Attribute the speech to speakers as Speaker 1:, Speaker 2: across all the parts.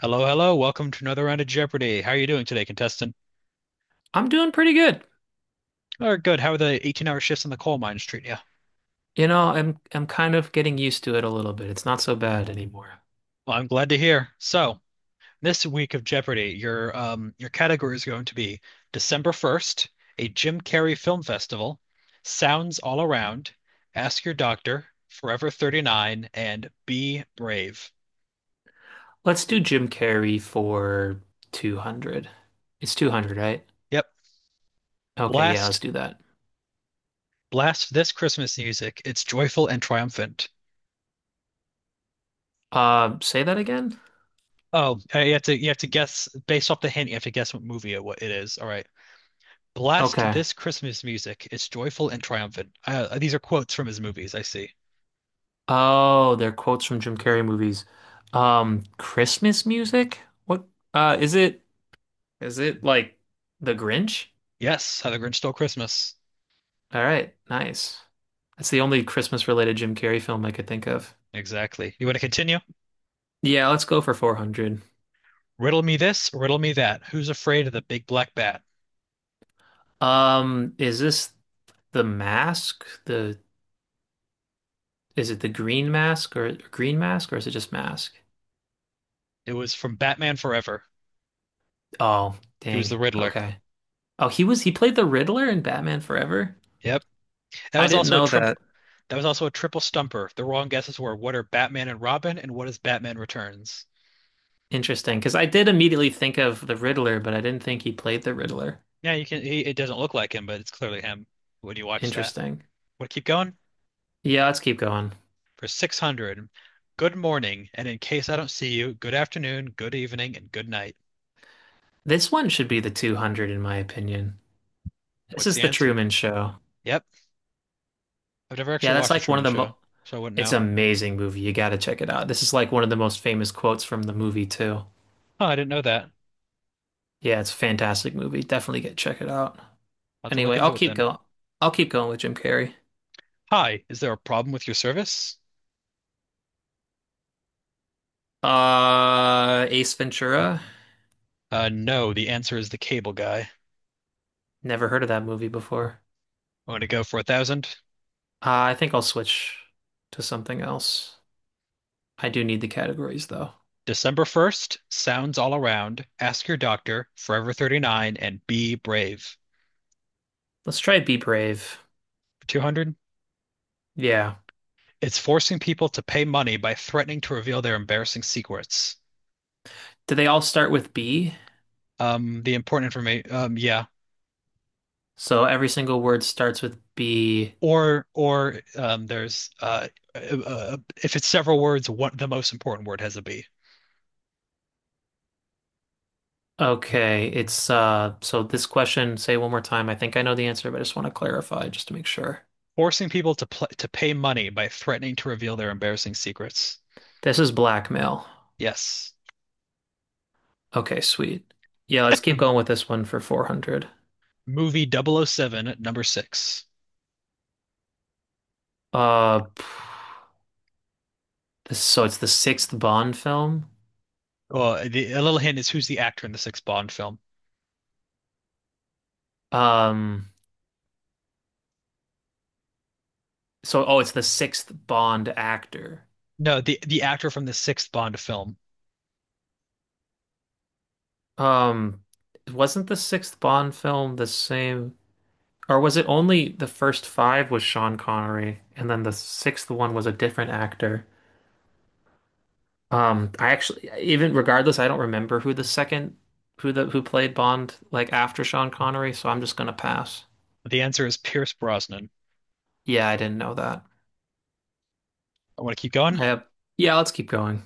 Speaker 1: Hello, hello. Welcome to another round of Jeopardy. How are you doing today, contestant?
Speaker 2: I'm doing pretty good.
Speaker 1: Oh, good. How are the 18-hour shifts in the coal mines treating you?
Speaker 2: You know, I'm kind of getting used to it a little bit. It's not so bad anymore.
Speaker 1: Well, I'm glad to hear. So, this week of Jeopardy, your category is going to be December 1st, a Jim Carrey film festival, Sounds All Around, Ask Your Doctor, Forever 39, and Be Brave.
Speaker 2: Let's do Jim Carrey for 200. It's 200, right?
Speaker 1: Yep.
Speaker 2: Okay, yeah, let's
Speaker 1: Blast,
Speaker 2: do that.
Speaker 1: blast this Christmas music. It's joyful and triumphant.
Speaker 2: Say that again?
Speaker 1: Oh, you have to guess based off the hint, you have to guess what it is. All right. Blast
Speaker 2: Okay.
Speaker 1: this Christmas music. It's joyful and triumphant. These are quotes from his movies, I see.
Speaker 2: Oh, they're quotes from Jim Carrey movies. Christmas music? What uh is it is it like The Grinch?
Speaker 1: Yes, How the Grinch Stole Christmas.
Speaker 2: All right, nice. That's the only Christmas related Jim Carrey film I could think of.
Speaker 1: Exactly. You want to continue?
Speaker 2: Yeah, let's go for 400.
Speaker 1: Riddle me this, riddle me that. Who's afraid of the big black bat?
Speaker 2: Is this The mask, the is it the green mask or is it just mask?
Speaker 1: It was from Batman Forever.
Speaker 2: Oh,
Speaker 1: He was
Speaker 2: dang.
Speaker 1: the Riddler.
Speaker 2: Okay. Oh, he played the Riddler in Batman Forever?
Speaker 1: Yep. That
Speaker 2: I
Speaker 1: was
Speaker 2: didn't
Speaker 1: also a
Speaker 2: know
Speaker 1: triple
Speaker 2: that.
Speaker 1: that was also a triple stumper. The wrong guesses were what are Batman and Robin and what is Batman Returns?
Speaker 2: Interesting, because I did immediately think of the Riddler, but I didn't think he played the Riddler.
Speaker 1: Yeah, it doesn't look like him, but it's clearly him when you watch that.
Speaker 2: Interesting.
Speaker 1: Want to keep going?
Speaker 2: Yeah, let's keep going.
Speaker 1: For 600. Good morning, and in case I don't see you, good afternoon, good evening, and good night.
Speaker 2: This one should be the 200 in my opinion. This
Speaker 1: What's
Speaker 2: is
Speaker 1: the
Speaker 2: the
Speaker 1: answer?
Speaker 2: Truman Show.
Speaker 1: Yep. I've never
Speaker 2: Yeah,
Speaker 1: actually
Speaker 2: that's
Speaker 1: watched The
Speaker 2: like one of
Speaker 1: Truman
Speaker 2: the
Speaker 1: Show,
Speaker 2: mo
Speaker 1: so I wouldn't
Speaker 2: It's
Speaker 1: know.
Speaker 2: an amazing movie. You got to check it out. This is like one of the most famous quotes from the movie too.
Speaker 1: Oh, I didn't know that. I'll
Speaker 2: Yeah, it's a fantastic movie. Definitely get check it out.
Speaker 1: have to look
Speaker 2: Anyway, I'll
Speaker 1: into it
Speaker 2: keep
Speaker 1: then.
Speaker 2: going. I'll keep going with Jim Carrey.
Speaker 1: Hi, is there a problem with your service?
Speaker 2: Ace Ventura.
Speaker 1: No, the answer is the cable guy.
Speaker 2: Never heard of that movie before.
Speaker 1: I'm going to go for 1,000.
Speaker 2: I think I'll switch to something else. I do need the categories though.
Speaker 1: December 1st, sounds all around. Ask your doctor, Forever 39, and be brave.
Speaker 2: Let's try Be Brave.
Speaker 1: 200.
Speaker 2: Yeah.
Speaker 1: It's forcing people to pay money by threatening to reveal their embarrassing secrets.
Speaker 2: Do they all start with B?
Speaker 1: The important information, yeah,
Speaker 2: So every single word starts with B.
Speaker 1: or, there's, uh, uh if it's several words, what the most important word has a B.
Speaker 2: Okay, it's so this question, say one more time. I think I know the answer, but I just want to clarify just to make sure.
Speaker 1: Forcing people to pl to pay money by threatening to reveal their embarrassing secrets.
Speaker 2: This is blackmail.
Speaker 1: Yes.
Speaker 2: Okay, sweet. Yeah, let's keep going with this one for 400.
Speaker 1: Movie 007, at number six.
Speaker 2: Uh, so it's the sixth Bond film.
Speaker 1: Oh, a little hint is who's the actor in the sixth Bond film.
Speaker 2: Um, oh, it's the sixth Bond actor.
Speaker 1: No, the actor from the sixth Bond film.
Speaker 2: Um, wasn't the sixth Bond film the same, or was it only the first five was Sean Connery, and then the sixth one was a different actor? I actually, even regardless, I don't remember who the second, who the who played Bond like after Sean Connery, so I'm just gonna pass.
Speaker 1: The answer is Pierce Brosnan.
Speaker 2: Yeah, I didn't know that.
Speaker 1: I want to keep going.
Speaker 2: Yeah, yeah, let's keep going.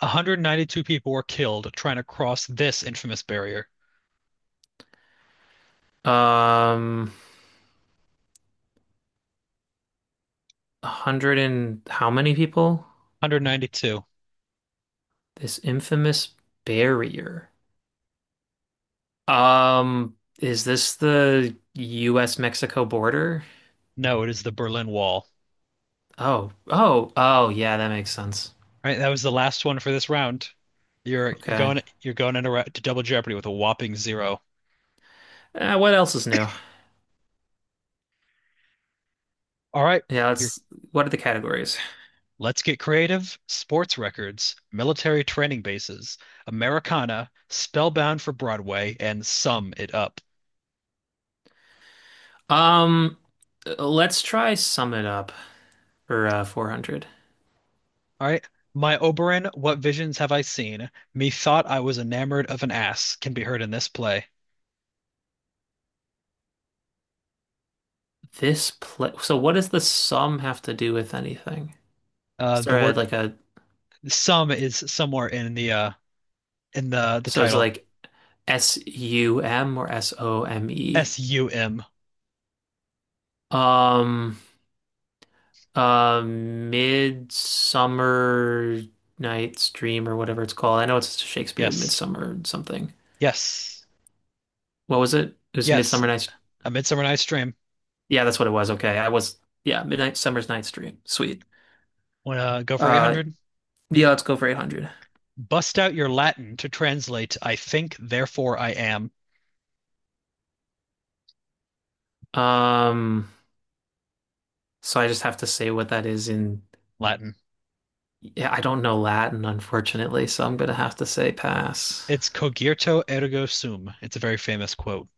Speaker 1: 192 people were killed trying to cross this infamous barrier.
Speaker 2: Um. 100 and how many people?
Speaker 1: 192.
Speaker 2: This infamous barrier. Um, is this the US Mexico border?
Speaker 1: No, it is the Berlin Wall.
Speaker 2: Oh, oh, oh, yeah, that makes sense.
Speaker 1: All right, that was the last one for this round. You're
Speaker 2: Okay.
Speaker 1: going into ra- to double Jeopardy with a whopping zero.
Speaker 2: What else is new?
Speaker 1: All right,
Speaker 2: Yeah,
Speaker 1: you're
Speaker 2: let's, what are the categories?
Speaker 1: let's get creative. Sports records, military training bases, Americana, Spellbound for Broadway, and Sum It Up.
Speaker 2: Um, let's try sum it up for 400.
Speaker 1: All right, my Oberon, what visions have I seen? Methought I was enamored of an ass can be heard in this play.
Speaker 2: This play, so what does the sum have to do with anything? Is
Speaker 1: The
Speaker 2: there a,
Speaker 1: word
Speaker 2: like a,
Speaker 1: sum is somewhere in the
Speaker 2: So it's
Speaker 1: title.
Speaker 2: like SUM or SOME?
Speaker 1: SUM.
Speaker 2: Um, Midsummer Night's Dream or whatever it's called. I know it's Shakespeare
Speaker 1: Yes.
Speaker 2: Midsummer something.
Speaker 1: Yes.
Speaker 2: What was it? It was
Speaker 1: Yes,
Speaker 2: Midsummer Night's.
Speaker 1: A Midsummer Night's Dream.
Speaker 2: Yeah, that's what it was. Okay, I was. Yeah, Midnight Summer's Night's Dream. Sweet.
Speaker 1: Want to go for
Speaker 2: Uh,
Speaker 1: 800?
Speaker 2: yeah, let's go for 800.
Speaker 1: Bust out your Latin to translate I think, therefore I am.
Speaker 2: Um, so I just have to say what that is in.
Speaker 1: Latin.
Speaker 2: Yeah, I don't know Latin, unfortunately, so I'm gonna have to say pass.
Speaker 1: It's cogito ergo sum. It's a very famous quote.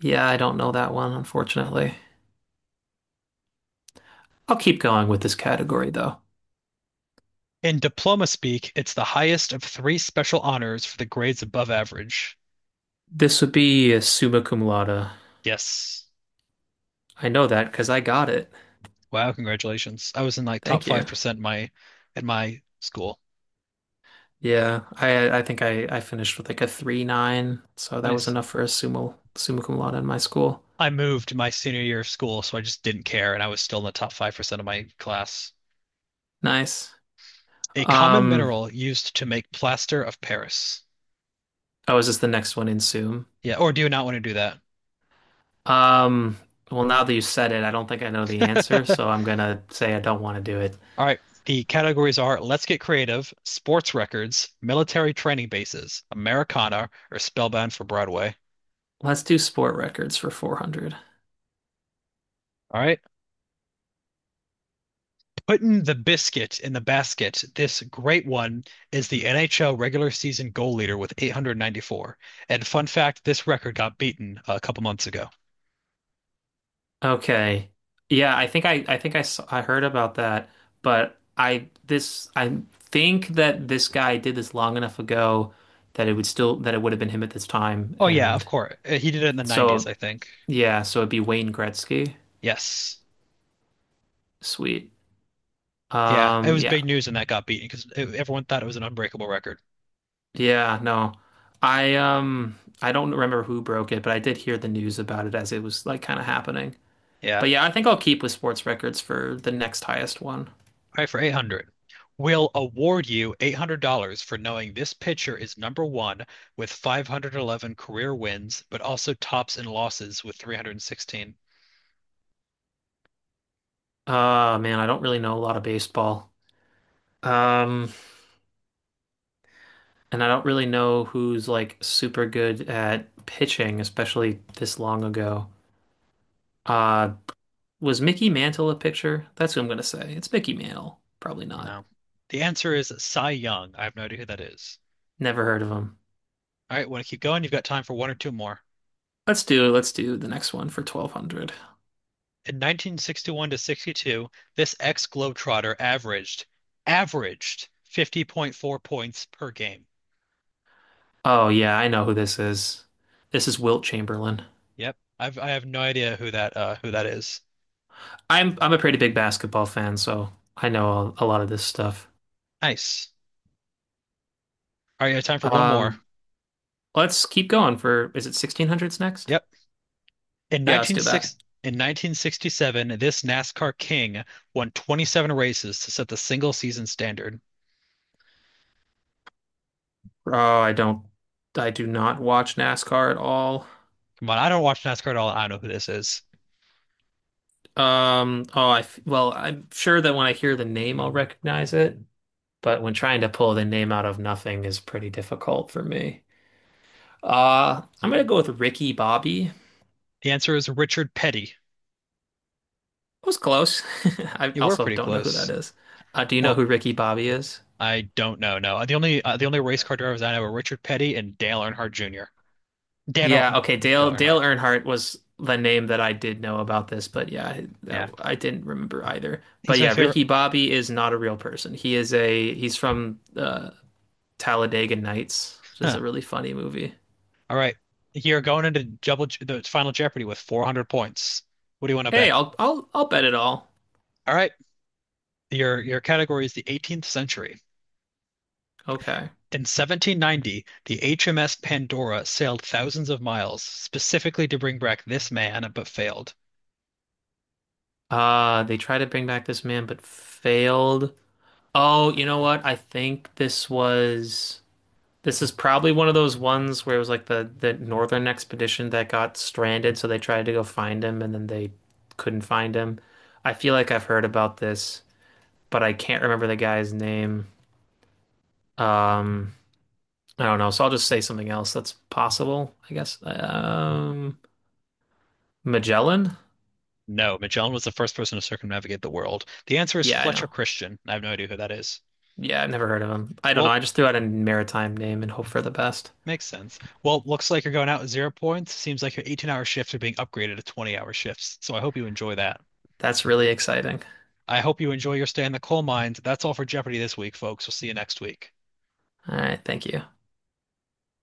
Speaker 2: Yeah, I don't know that one, unfortunately. I'll keep going with this category though.
Speaker 1: In diploma speak, it's the highest of three special honors for the grades above average.
Speaker 2: This would be a summa cum laude.
Speaker 1: Yes.
Speaker 2: I know that because I got it.
Speaker 1: Wow, congratulations. I was in like top
Speaker 2: Thank you.
Speaker 1: 5% my at my school.
Speaker 2: Yeah, I think I finished with like a 3.9, so that was
Speaker 1: Nice.
Speaker 2: enough for a sumo summa cum laude in my school.
Speaker 1: I moved my senior year of school, so I just didn't care, and I was still in the top 5% of my class.
Speaker 2: Nice.
Speaker 1: A common
Speaker 2: Um,
Speaker 1: mineral used to make plaster of Paris.
Speaker 2: oh, is this the next one in sum?
Speaker 1: Yeah, or do you not want to do that?
Speaker 2: Um, well, now that you said it, I don't think I know the answer, so I'm gonna say I don't want to do it.
Speaker 1: All right. The categories are Let's Get Creative, Sports Records, Military Training Bases, Americana, or Spellbound for Broadway.
Speaker 2: Let's do sport records for 400.
Speaker 1: All right. Putting the biscuit in the basket, this great one is the NHL regular season goal leader with 894. And fun fact, this record got beaten a couple months ago.
Speaker 2: Okay. Yeah, I think I saw, I heard about that, but I think that this guy did this long enough ago that it would still that it would have been him at this time
Speaker 1: Oh yeah, of
Speaker 2: and
Speaker 1: course. He did it in the 90s,
Speaker 2: so
Speaker 1: I think.
Speaker 2: yeah, so it'd be Wayne Gretzky.
Speaker 1: Yes.
Speaker 2: Sweet.
Speaker 1: Yeah, it was
Speaker 2: Yeah.
Speaker 1: big news when that got beaten because everyone thought it was an unbreakable record.
Speaker 2: Yeah, no. I don't remember who broke it, but I did hear the news about it as it was like kind of happening.
Speaker 1: Yeah.
Speaker 2: But yeah, I think I'll keep with sports records for the next highest one.
Speaker 1: All right, for 800. We'll award you $800 for knowing this pitcher is number one with 511 career wins, but also tops in losses with 316.
Speaker 2: Man, I don't really know a lot of baseball. Um And I don't really know who's like super good at pitching, especially this long ago. Uh, was Mickey Mantle a pitcher? That's who I'm gonna say. It's Mickey Mantle. Probably not.
Speaker 1: No. The answer is Cy Young. I have no idea who that is.
Speaker 2: Never heard of him.
Speaker 1: All right, want to keep going? You've got time for one or two more.
Speaker 2: Let's do the next one for 1200.
Speaker 1: In 1961 to 62, this ex-Globetrotter averaged 50.4 points per game.
Speaker 2: Oh yeah, I know who this is. This is Wilt Chamberlain.
Speaker 1: Yep. I have no idea who that is.
Speaker 2: I'm a pretty big basketball fan, so I know a lot of this stuff.
Speaker 1: Nice. All right, you have time for one more.
Speaker 2: Um, let's keep going for is it 1600s next?
Speaker 1: Yep.
Speaker 2: Yeah, let's
Speaker 1: In
Speaker 2: do that.
Speaker 1: 1960 in 1967, this NASCAR king won 27 races to set the single season standard.
Speaker 2: Oh, I do not watch NASCAR at all.
Speaker 1: Come on, I don't watch NASCAR at all. I don't know who this is.
Speaker 2: Well, I'm sure that when I hear the name, I'll recognize it, but when trying to pull the name out of nothing is pretty difficult for me. I'm gonna go with Ricky Bobby. It
Speaker 1: The answer is Richard Petty.
Speaker 2: was close. I
Speaker 1: You were
Speaker 2: also
Speaker 1: pretty
Speaker 2: don't know who
Speaker 1: close.
Speaker 2: that is. Do you know
Speaker 1: Well,
Speaker 2: who Ricky Bobby is?
Speaker 1: I don't know. No, the only race car drivers I know are Richard Petty and Dale Earnhardt Jr. Dan Earl-
Speaker 2: Yeah, okay,
Speaker 1: Dale
Speaker 2: Dale
Speaker 1: Earnhardt.
Speaker 2: Earnhardt was the name that I did know about this, but yeah,
Speaker 1: Yeah,
Speaker 2: I didn't remember either. But
Speaker 1: he's my
Speaker 2: yeah,
Speaker 1: favorite.
Speaker 2: Ricky Bobby is not a real person. He is a He's from Talladega Nights, which is
Speaker 1: Huh.
Speaker 2: a really funny movie.
Speaker 1: All right, you're going into the final Jeopardy with 400 points. What do you want to
Speaker 2: Hey,
Speaker 1: bet?
Speaker 2: I'll bet it all.
Speaker 1: All right, your category is the 18th century.
Speaker 2: Okay.
Speaker 1: In 1790, the HMS Pandora sailed thousands of miles specifically to bring back this man, but failed.
Speaker 2: They tried to bring back this man but failed. Oh, you know what? I think this was This is probably one of those ones where it was like the Northern Expedition that got stranded, so they tried to go find him and then they couldn't find him. I feel like I've heard about this, but I can't remember the guy's name. Um, I don't know, so I'll just say something else that's possible, I guess. Magellan?
Speaker 1: No, Magellan was the first person to circumnavigate the world. The answer is
Speaker 2: Yeah, I
Speaker 1: Fletcher
Speaker 2: know.
Speaker 1: Christian. I have no idea who that is.
Speaker 2: Yeah, I've never heard of him. I don't know.
Speaker 1: Well,
Speaker 2: I just threw out a maritime name and hope for the best.
Speaker 1: makes sense. Well, looks like you're going out with 0 points. Seems like your 18-hour shifts are being upgraded to 20-hour shifts. So I hope you enjoy that.
Speaker 2: That's really exciting.
Speaker 1: I hope you enjoy your stay in the coal mines. That's all for Jeopardy this week, folks. We'll see you next week.
Speaker 2: All right, thank you.